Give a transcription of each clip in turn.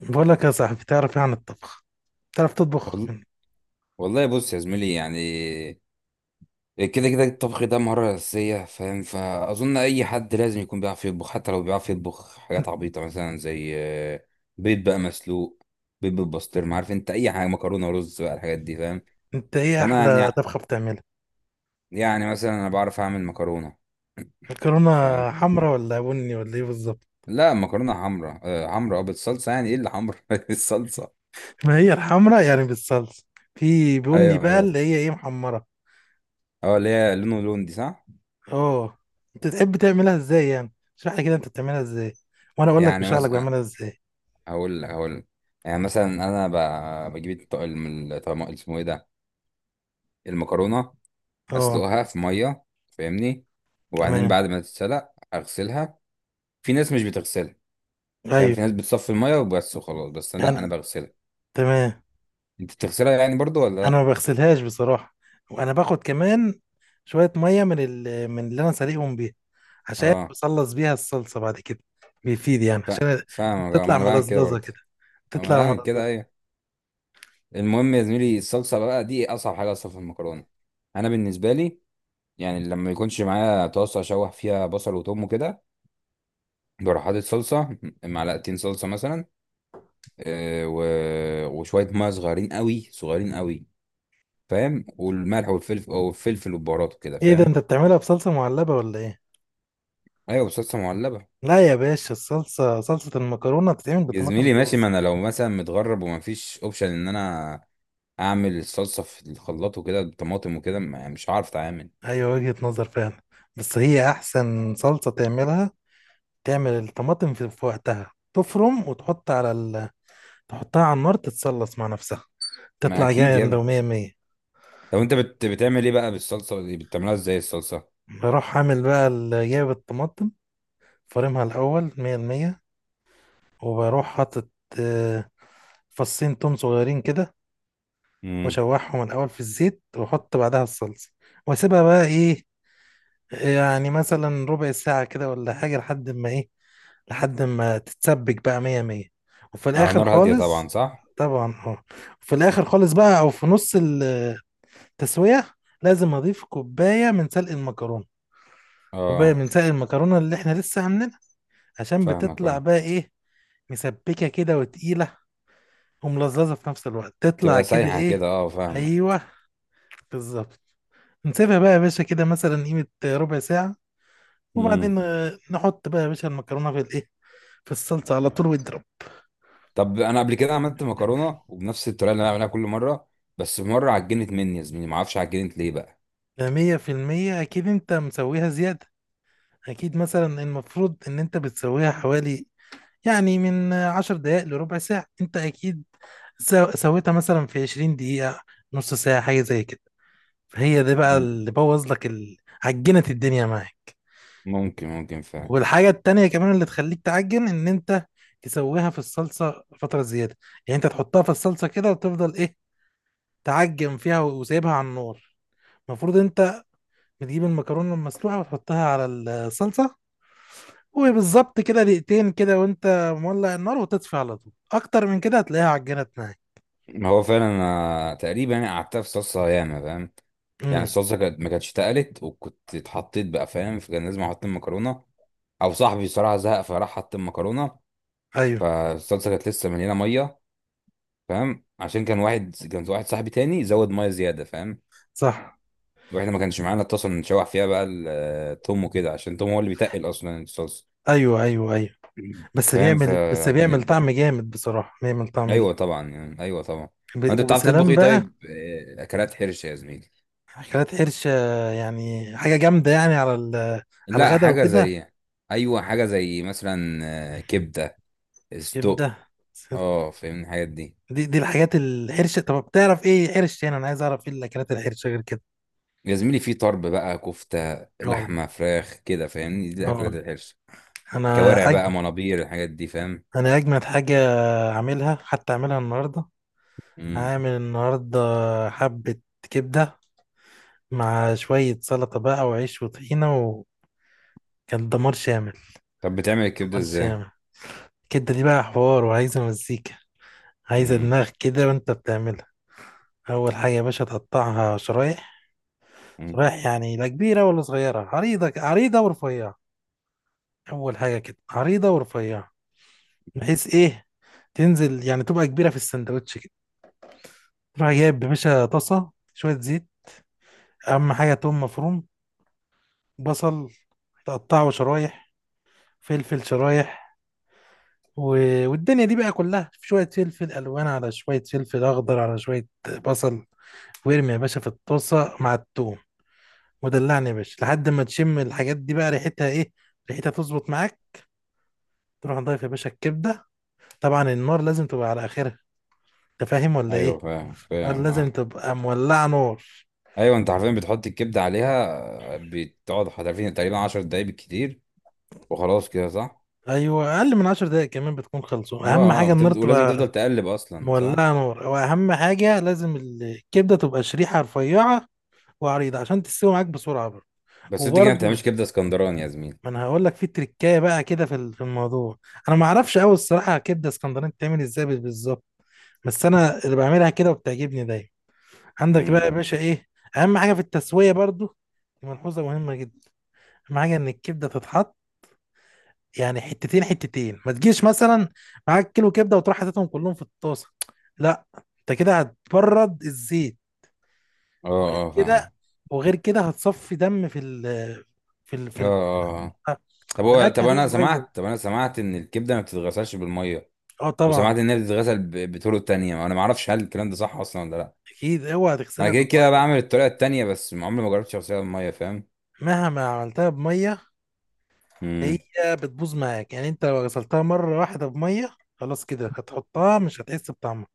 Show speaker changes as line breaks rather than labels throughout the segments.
بقول لك يا صاحبي، تعرف ايه عن الطبخ؟ تعرف تطبخ
وال-
انت؟
والله بص يا زميلي، يعني كده كده الطبخ ده مهارة أساسية فاهم، فأظن أي حد لازم يكون بيعرف يطبخ حتى لو بيعرف يطبخ حاجات عبيطة مثلا زي بيض بقى مسلوق، بيض بالبسطرمة عارف أنت أي حاجة، مكرونة ورز بقى الحاجات دي فاهم.
أنت ايه
فأنا
احلى
يعني
طبخه بتعملها؟
مثلا أنا بعرف أعمل مكرونة
مكرونه.
فاهم.
حمرا ولا بني ولا ايه بالظبط؟
لا مكرونة حمرا، حمرا بالصلصة، يعني إيه اللي حمرا الصلصة.
ما هي الحمرا يعني بالصلصه. في بني
أيوه
بقى
أيوه،
اللي هي ايه، محمره.
أه اللي هي لونه لون دي صح.
اه. انت تحب تعملها ازاي يعني؟ اشرح لي كده انت بتعملها ازاي، وانا اقول لك
يعني
بشرح لك
مثلا
بعملها ازاي.
هقول لك. يعني مثلا انا ب- بجيب الط- الم- الطعم- اسمه ايه ده المكرونه،
اه
اسلقها في ميه فاهمني. وبعدين
تمام.
بعد ما تتسلق اغسلها. في ناس مش بتغسلها فاهم،
ايوه.
في ناس بتصفي الميه وبس وخلاص، بس لا انا
انا
بغسلها.
تمام.
انت بتغسلها يعني برضو ولا
انا
لا؟
ما بغسلهاش بصراحه، وانا باخد كمان شويه ميه من من اللي انا سلقهم بيها، عشان
اه
بصلص بيها الصلصه بعد كده. بيفيد يعني
ف-
عشان
فاهمك اه، ما
تطلع
انا بعمل كده
ملزلزه
برضو.
كده،
ما انا
تطلع
بعمل كده
ملزلزه.
ايوه. المهم يا زميلي الصلصه بقى دي اصعب حاجه اصلا في المكرونه. انا بالنسبه لي، يعني لما يكونش معايا طاسه اشوح فيها بصل وتوم وكده، بروح حاطط صلصة، معلقتين صلصة مثلا، آه، و... وشوية مية صغيرين قوي صغيرين قوي فاهم، والملح والفلفل او الفلفل والبهارات وكده
ايه ده؟
فاهم.
انت بتعملها بصلصه معلبه ولا ايه؟
ايوه بصلصة معلبة.
لا يا باشا، الصلصه، صلصه المكرونه بتتعمل
يا
بطماطم
زميلي ماشي، ما
طازه.
انا لو مثلا متغرب ومفيش اوبشن ان انا اعمل الصلصة في الخلاط وكده بطماطم وكده يعني مش هعرف اتعامل.
ايوه وجهه نظر فعلا، بس هي احسن صلصه تعملها. تعمل الطماطم في وقتها، تفرم وتحط على تحطها على النار تتصلص مع نفسها،
ما
تطلع
اكيد يا
جامده
ابني.
ومية مية.
طب انت بتعمل ايه بقى بالصلصة دي، بتعملها ازاي الصلصة؟
بروح عامل بقى جايب الطماطم، فارمها الأول مية المية، وبروح حاطط آه، فصين توم صغيرين كده،
امم
وأشوحهم الأول في الزيت، وأحط بعدها الصلصة، وأسيبها بقى إيه، يعني مثلا ربع ساعة كده ولا حاجة، لحد ما إيه، لحد ما تتسبك بقى مية مية. وفي
على
الآخر
نار هادية طبعا
خالص،
صح.
طبعا اه، في الآخر خالص بقى أو في نص التسوية لازم أضيف كوباية من سلق المكرونة، كوباية
اه
من سلق المكرونة اللي إحنا لسه عاملينها، عشان
فاهمك
بتطلع
اه،
بقى ايه، مسبكه كده وتقيله، وملززه في نفس الوقت، تطلع
تبقى
كده
سايحة
ايه.
كده اه فاهمك.
ايوه بالظبط. نسيبها بقى يا باشا كده مثلا قيمه ربع ساعه،
مم.
وبعدين نحط بقى يا باشا المكرونه في الايه، في الصلصه على طول واضرب.
طب انا قبل كده عملت مكرونه وبنفس الطريقه اللي انا بعملها كل مره، بس مره عجنت مني يا زميلي، ما اعرفش عجنت ليه بقى.
ده 100% اكيد انت مسويها زياده. اكيد مثلا المفروض ان انت بتسويها حوالي، يعني من 10 دقائق لربع ساعة، انت اكيد سويتها مثلا في 20 دقيقة، نص ساعة، حاجة زي كده. هي دي بقى
مم.
اللي بوظ لك عجنت الدنيا معاك.
ممكن ممكن فعلا.
والحاجة التانية كمان اللي تخليك تعجن ان انت تسويها في الصلصة فترة زيادة. يعني انت تحطها في الصلصة كده وتفضل ايه، تعجن فيها وسايبها على النار. المفروض انت بتجيب المكرونة المسلوقة وتحطها على الصلصة، وبالظبط كده دقيقتين كده وانت مولع النار، وتطفي على طول. اكتر من كده هتلاقيها عجنت معاك.
ما هو فعلا انا تقريبا يعني قعدتها في صلصه ياما فاهم، يعني
امم
الصلصه كانت ما كانتش اتقلت وكنت اتحطيت بقى فاهم، فكان لازم احط المكرونه، او صاحبي صراحه زهق فراح حط المكرونه.
ايوه
فالصلصه كانت لسه مليانه ميه فاهم، عشان كان واحد صاحبي تاني زود ميه زياده فاهم.
صح.
واحنا ما كانش معانا اتصل نشوح فيها بقى التوم وكده، عشان التوم هو اللي بيتقل اصلا الصلصه.
ايوه، ايوه، ايوه، بس
فاهم،
بيعمل، بس
فعجنت
بيعمل
بقى.
طعم جامد بصراحة، بيعمل طعم جامد.
ايوه طبعا يعني، ايوه طبعا. انت بتعرف تطبخ
وبسلام
ايه
بقى.
طيب؟ اكلات حرش يا زميلي.
أكلات حرش يعني حاجة جامدة يعني على على
لا
الغدا
حاجه
وكده.
زي، ايوه حاجه زي مثلا كبده استق
كبدة.
اه فاهمني الحاجات دي.
دي الحاجات الحرشة. طب بتعرف إيه حرش يعني، أنا عايز أعرف إيه الأكلات الحرشة غير كده؟
يا زميلي في طرب بقى كفته
أه،
لحمه فراخ كده فاهمني، دي
أه.
اكلات الحرش.
أنا
كوارع بقى
أجمد،
منابير الحاجات دي فاهم.
أنا أجمد حاجة أعملها، حتى أعملها النهاردة،
امم.
هعمل النهاردة حبة كبدة مع شوية سلطة بقى وعيش وطحينة، وكان دمار شامل،
طب بتعمل الكبده
دمار
ازاي؟
شامل. الكبدة دي بقى حوار وعايزة مزيكا، عايزة
امم.
دماغ كده، وأنت بتعملها. اول حاجه يا باشا تقطعها شرايح،
أمم.
شرايح يعني لا كبيره ولا صغيره، عريضه عريضه ورفيعه. اول حاجه كده عريضه ورفيعه، بحيث ايه، تنزل يعني تبقى كبيره في السندوتش كده. تروح جايب يا باشا طاسه، شويه زيت، اهم حاجه توم مفروم، بصل تقطعه شرايح، فلفل شرايح، و... والدنيا دي بقى كلها شويه فلفل الوان على شويه فلفل اخضر على شويه بصل. وارمي يا باشا في الطاسه مع التوم، ودلعني يا باشا لحد ما تشم الحاجات دي بقى ريحتها ايه، ريحتها تظبط معاك. تروح نضيف يا باشا الكبده، طبعا النار لازم تبقى على اخرها، انت فاهم ولا
ايوه
ايه؟
فاهم
النار
فاهم
لازم
اه.
تبقى مولعه نار.
ايوه انت عارفين بتحط الكبده عليها، بتقعد حرفيا تقريبا 10 دقايق بالكتير، وخلاص كده صح.
ايوه اقل من 10 دقايق كمان بتكون خلصوا. اهم
اه اه،
حاجه النار
بتفضل ولازم
تبقى
تفضل تقلب اصلا صح.
مولعه نار، واهم حاجه لازم الكبده تبقى شريحه رفيعه وعريضه عشان تستوي معاك بسرعه برضه.
بس انت كده ما بتعملش
وبرضه،
كبده اسكندراني يا زميلي.
ما انا هقول لك في تريكايه بقى كده في في الموضوع. انا ما اعرفش قوي الصراحه كبده اسكندراني بتعمل ازاي بالظبط، بس انا اللي بعملها كده وبتعجبني دايما. عندك بقى
امم.
يا باشا ايه، اهم حاجه في التسويه برضو، دي ملحوظه مهمه جدا. اهم حاجه ان الكبده تتحط يعني حتتين حتتين، ما تجيش مثلا معاك كيلو كبده وتروح حاططهم كلهم في الطاسه. لا، انت كده هتبرد الزيت،
اه
وغير
اه
كده،
فاهم
وغير كده هتصفي دم في ال في,
اه
ال
اه طب
في
هو
الاكل
طب انا
هتبقى بايظه.
سمعت طب انا سمعت ان الكبده ما بتتغسلش بالميه،
اه
وسمعت
طبعا.
انها بتتغسل بطرق تانية، انا ما اعرفش هل الكلام ده صح اصلا ولا لا.
اكيد اوعى
انا
تغسلها
كده كده
بالميه،
بعمل الطريقه التانية بس عمري ما جربتش اغسلها بالميه فاهم.
مهما عملتها بميه هي
امم.
بتبوظ معاك. يعني انت لو غسلتها مره واحده بميه، خلاص كده هتحطها مش هتحس بطعمها.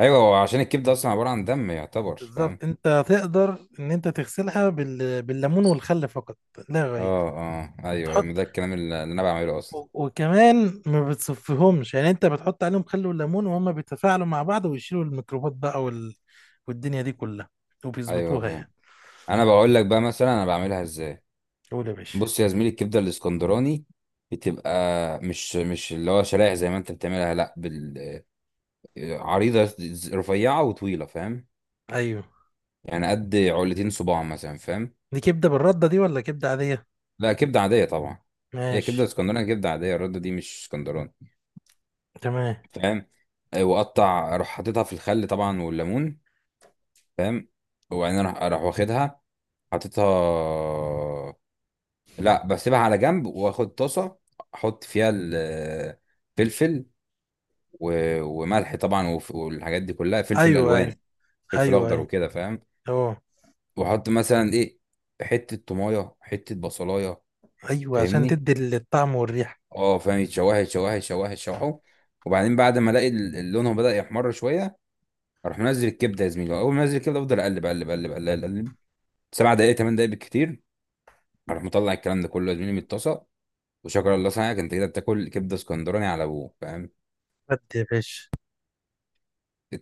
ايوه هو عشان الكبده اصلا عباره عن دم يعتبر فاهم.
بالظبط. انت هتقدر ان انت تغسلها بالليمون والخل فقط لا غير.
اه اه ايوه ايوه، ما
تحط
ده الكلام اللي انا بعمله اصلا.
وكمان ما بتصفيهمش. يعني انت بتحط عليهم خل وليمون وهما بيتفاعلوا مع بعض ويشيلوا الميكروبات بقى والدنيا دي كلها،
ايوه
وبيظبطوها يعني.
فاهم. انا بقول لك بقى مثلا انا بعملها ازاي.
قول يا باشا.
بص يا زميلي الكبده الاسكندراني بتبقى، مش اللي هو شرايح زي ما انت بتعملها، لا عريضه رفيعه وطويله فاهم.
ايوه.
يعني قد علتين صباع مثلا فاهم.
دي كبده بالرده دي ولا كبده عاديه؟
لا كبده عاديه طبعا. هي
ماشي.
كبده اسكندراني، كبده عاديه. الرده دي مش اسكندراني
تمام.
فاهم. واقطع اروح حاططها في الخل طبعا والليمون فاهم. وبعدين اروح واخدها، حاططها، لا بسيبها على جنب واخد طاسه، احط فيها الفلفل وملح طبعا والحاجات دي كلها، فلفل
ايوه، ايوه،
الوان، فلفل
ايوه،
اخضر
ايوه،
وكده فاهم.
اه.
واحط مثلا ايه، حته طمايه حته بصلايه
ايوه عشان
فاهمني،
تدي الطعم والريحه.
اه فاهم، يتشوح يتشوح يتشوح يتشوحوا. وبعدين بعد ما الاقي لونهم بدا يحمر شويه، اروح منزل الكبده يا زميلي. اول ما انزل الكبده افضل اقلب اقلب اقلب اقلب اقلب 7 دقائق 8 دقائق بالكتير. اروح مطلع الكلام ده كله يا زميلي من الطاسه، وشكر الله صنعك، انت كده بتاكل كبده اسكندراني على ابوه فاهم.
بجد يا باشا.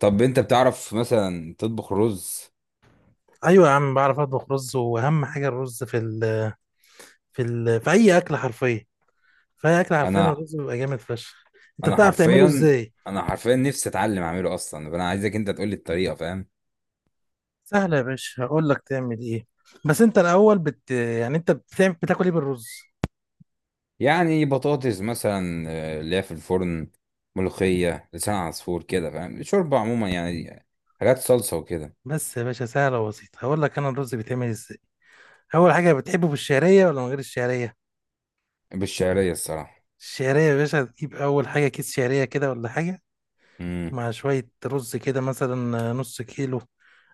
طب انت بتعرف مثلا تطبخ رز؟
ايوه يا عم بعرف اطبخ رز، واهم حاجه الرز في اي اكل حرفيا، في اي اكل حرفيا
انا
الرز بيبقى جامد فشخ. انت
انا
بتعرف تعمله
حرفيا
ازاي؟
انا حرفيا نفسي اتعلم اعمله اصلا، فانا عايزك انت تقول لي الطريقه فاهم.
سهل يا باشا، هقول لك تعمل ايه. بس انت الاول يعني انت بتعمل، بتاكل ايه بالرز؟
يعني بطاطس مثلا اللي هي في الفرن، ملوخيه لسان عصفور كده فاهم، شوربه عموما يعني، حاجات صلصه وكده.
بس يا باشا سهله وبسيطه هقول لك انا الرز بيتعمل ازاي. اول حاجه بتحبه بالشعريه ولا من غير الشعريه؟
بالشعريه الصراحه.
الشعريه يا باشا تجيب اول حاجه كيس شعريه كده ولا حاجه،
امم.
مع شوية رز كده مثلا نص كيلو،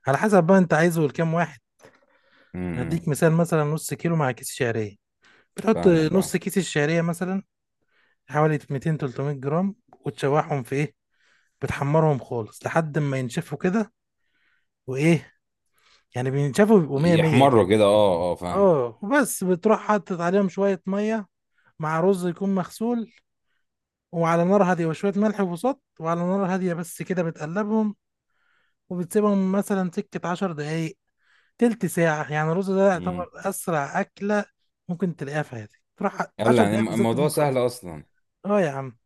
على حسب بقى انت عايزه لكام واحد.
امم
هديك مثال مثلا نص كيلو مع كيس شعرية، بتحط
فاهمك اه.
نص كيس الشعرية مثلا، حوالي 200 300 جرام. وتشوحهم في ايه، بتحمرهم خالص لحد ما ينشفوا كده. وايه، يعني بينشفوا بيبقوا 100 100 كده.
يحمروا كده اه اه فاهم.
اه وبس، بتروح حاطط عليهم شوية مية مع رز يكون مغسول، وعلى نار هادية وشوية ملح وصوت، وعلى نار هادية بس كده بتقلبهم، وبتسيبهم مثلا سكة 10 دقايق، تلت ساعة. يعني الرز ده يعتبر
امم.
أسرع أكلة ممكن تلاقيها في حياتك. تروح
يلا
عشر
يعني
دقايق بالظبط
الموضوع
تكون
سهل
خلصت.
اصلا.
اه يا عم،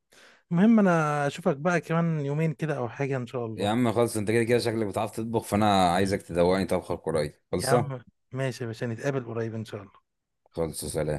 المهم أنا أشوفك بقى كمان يومين كده أو حاجة إن شاء
يا
الله.
عم خلص، انت كده كده شكلك بتعرف تطبخ، فانا عايزك تدوقني طبخه قريب
يا
خلصه.
عم ماشي يا باشا، نتقابل قريب إن شاء الله.
خلص سلام.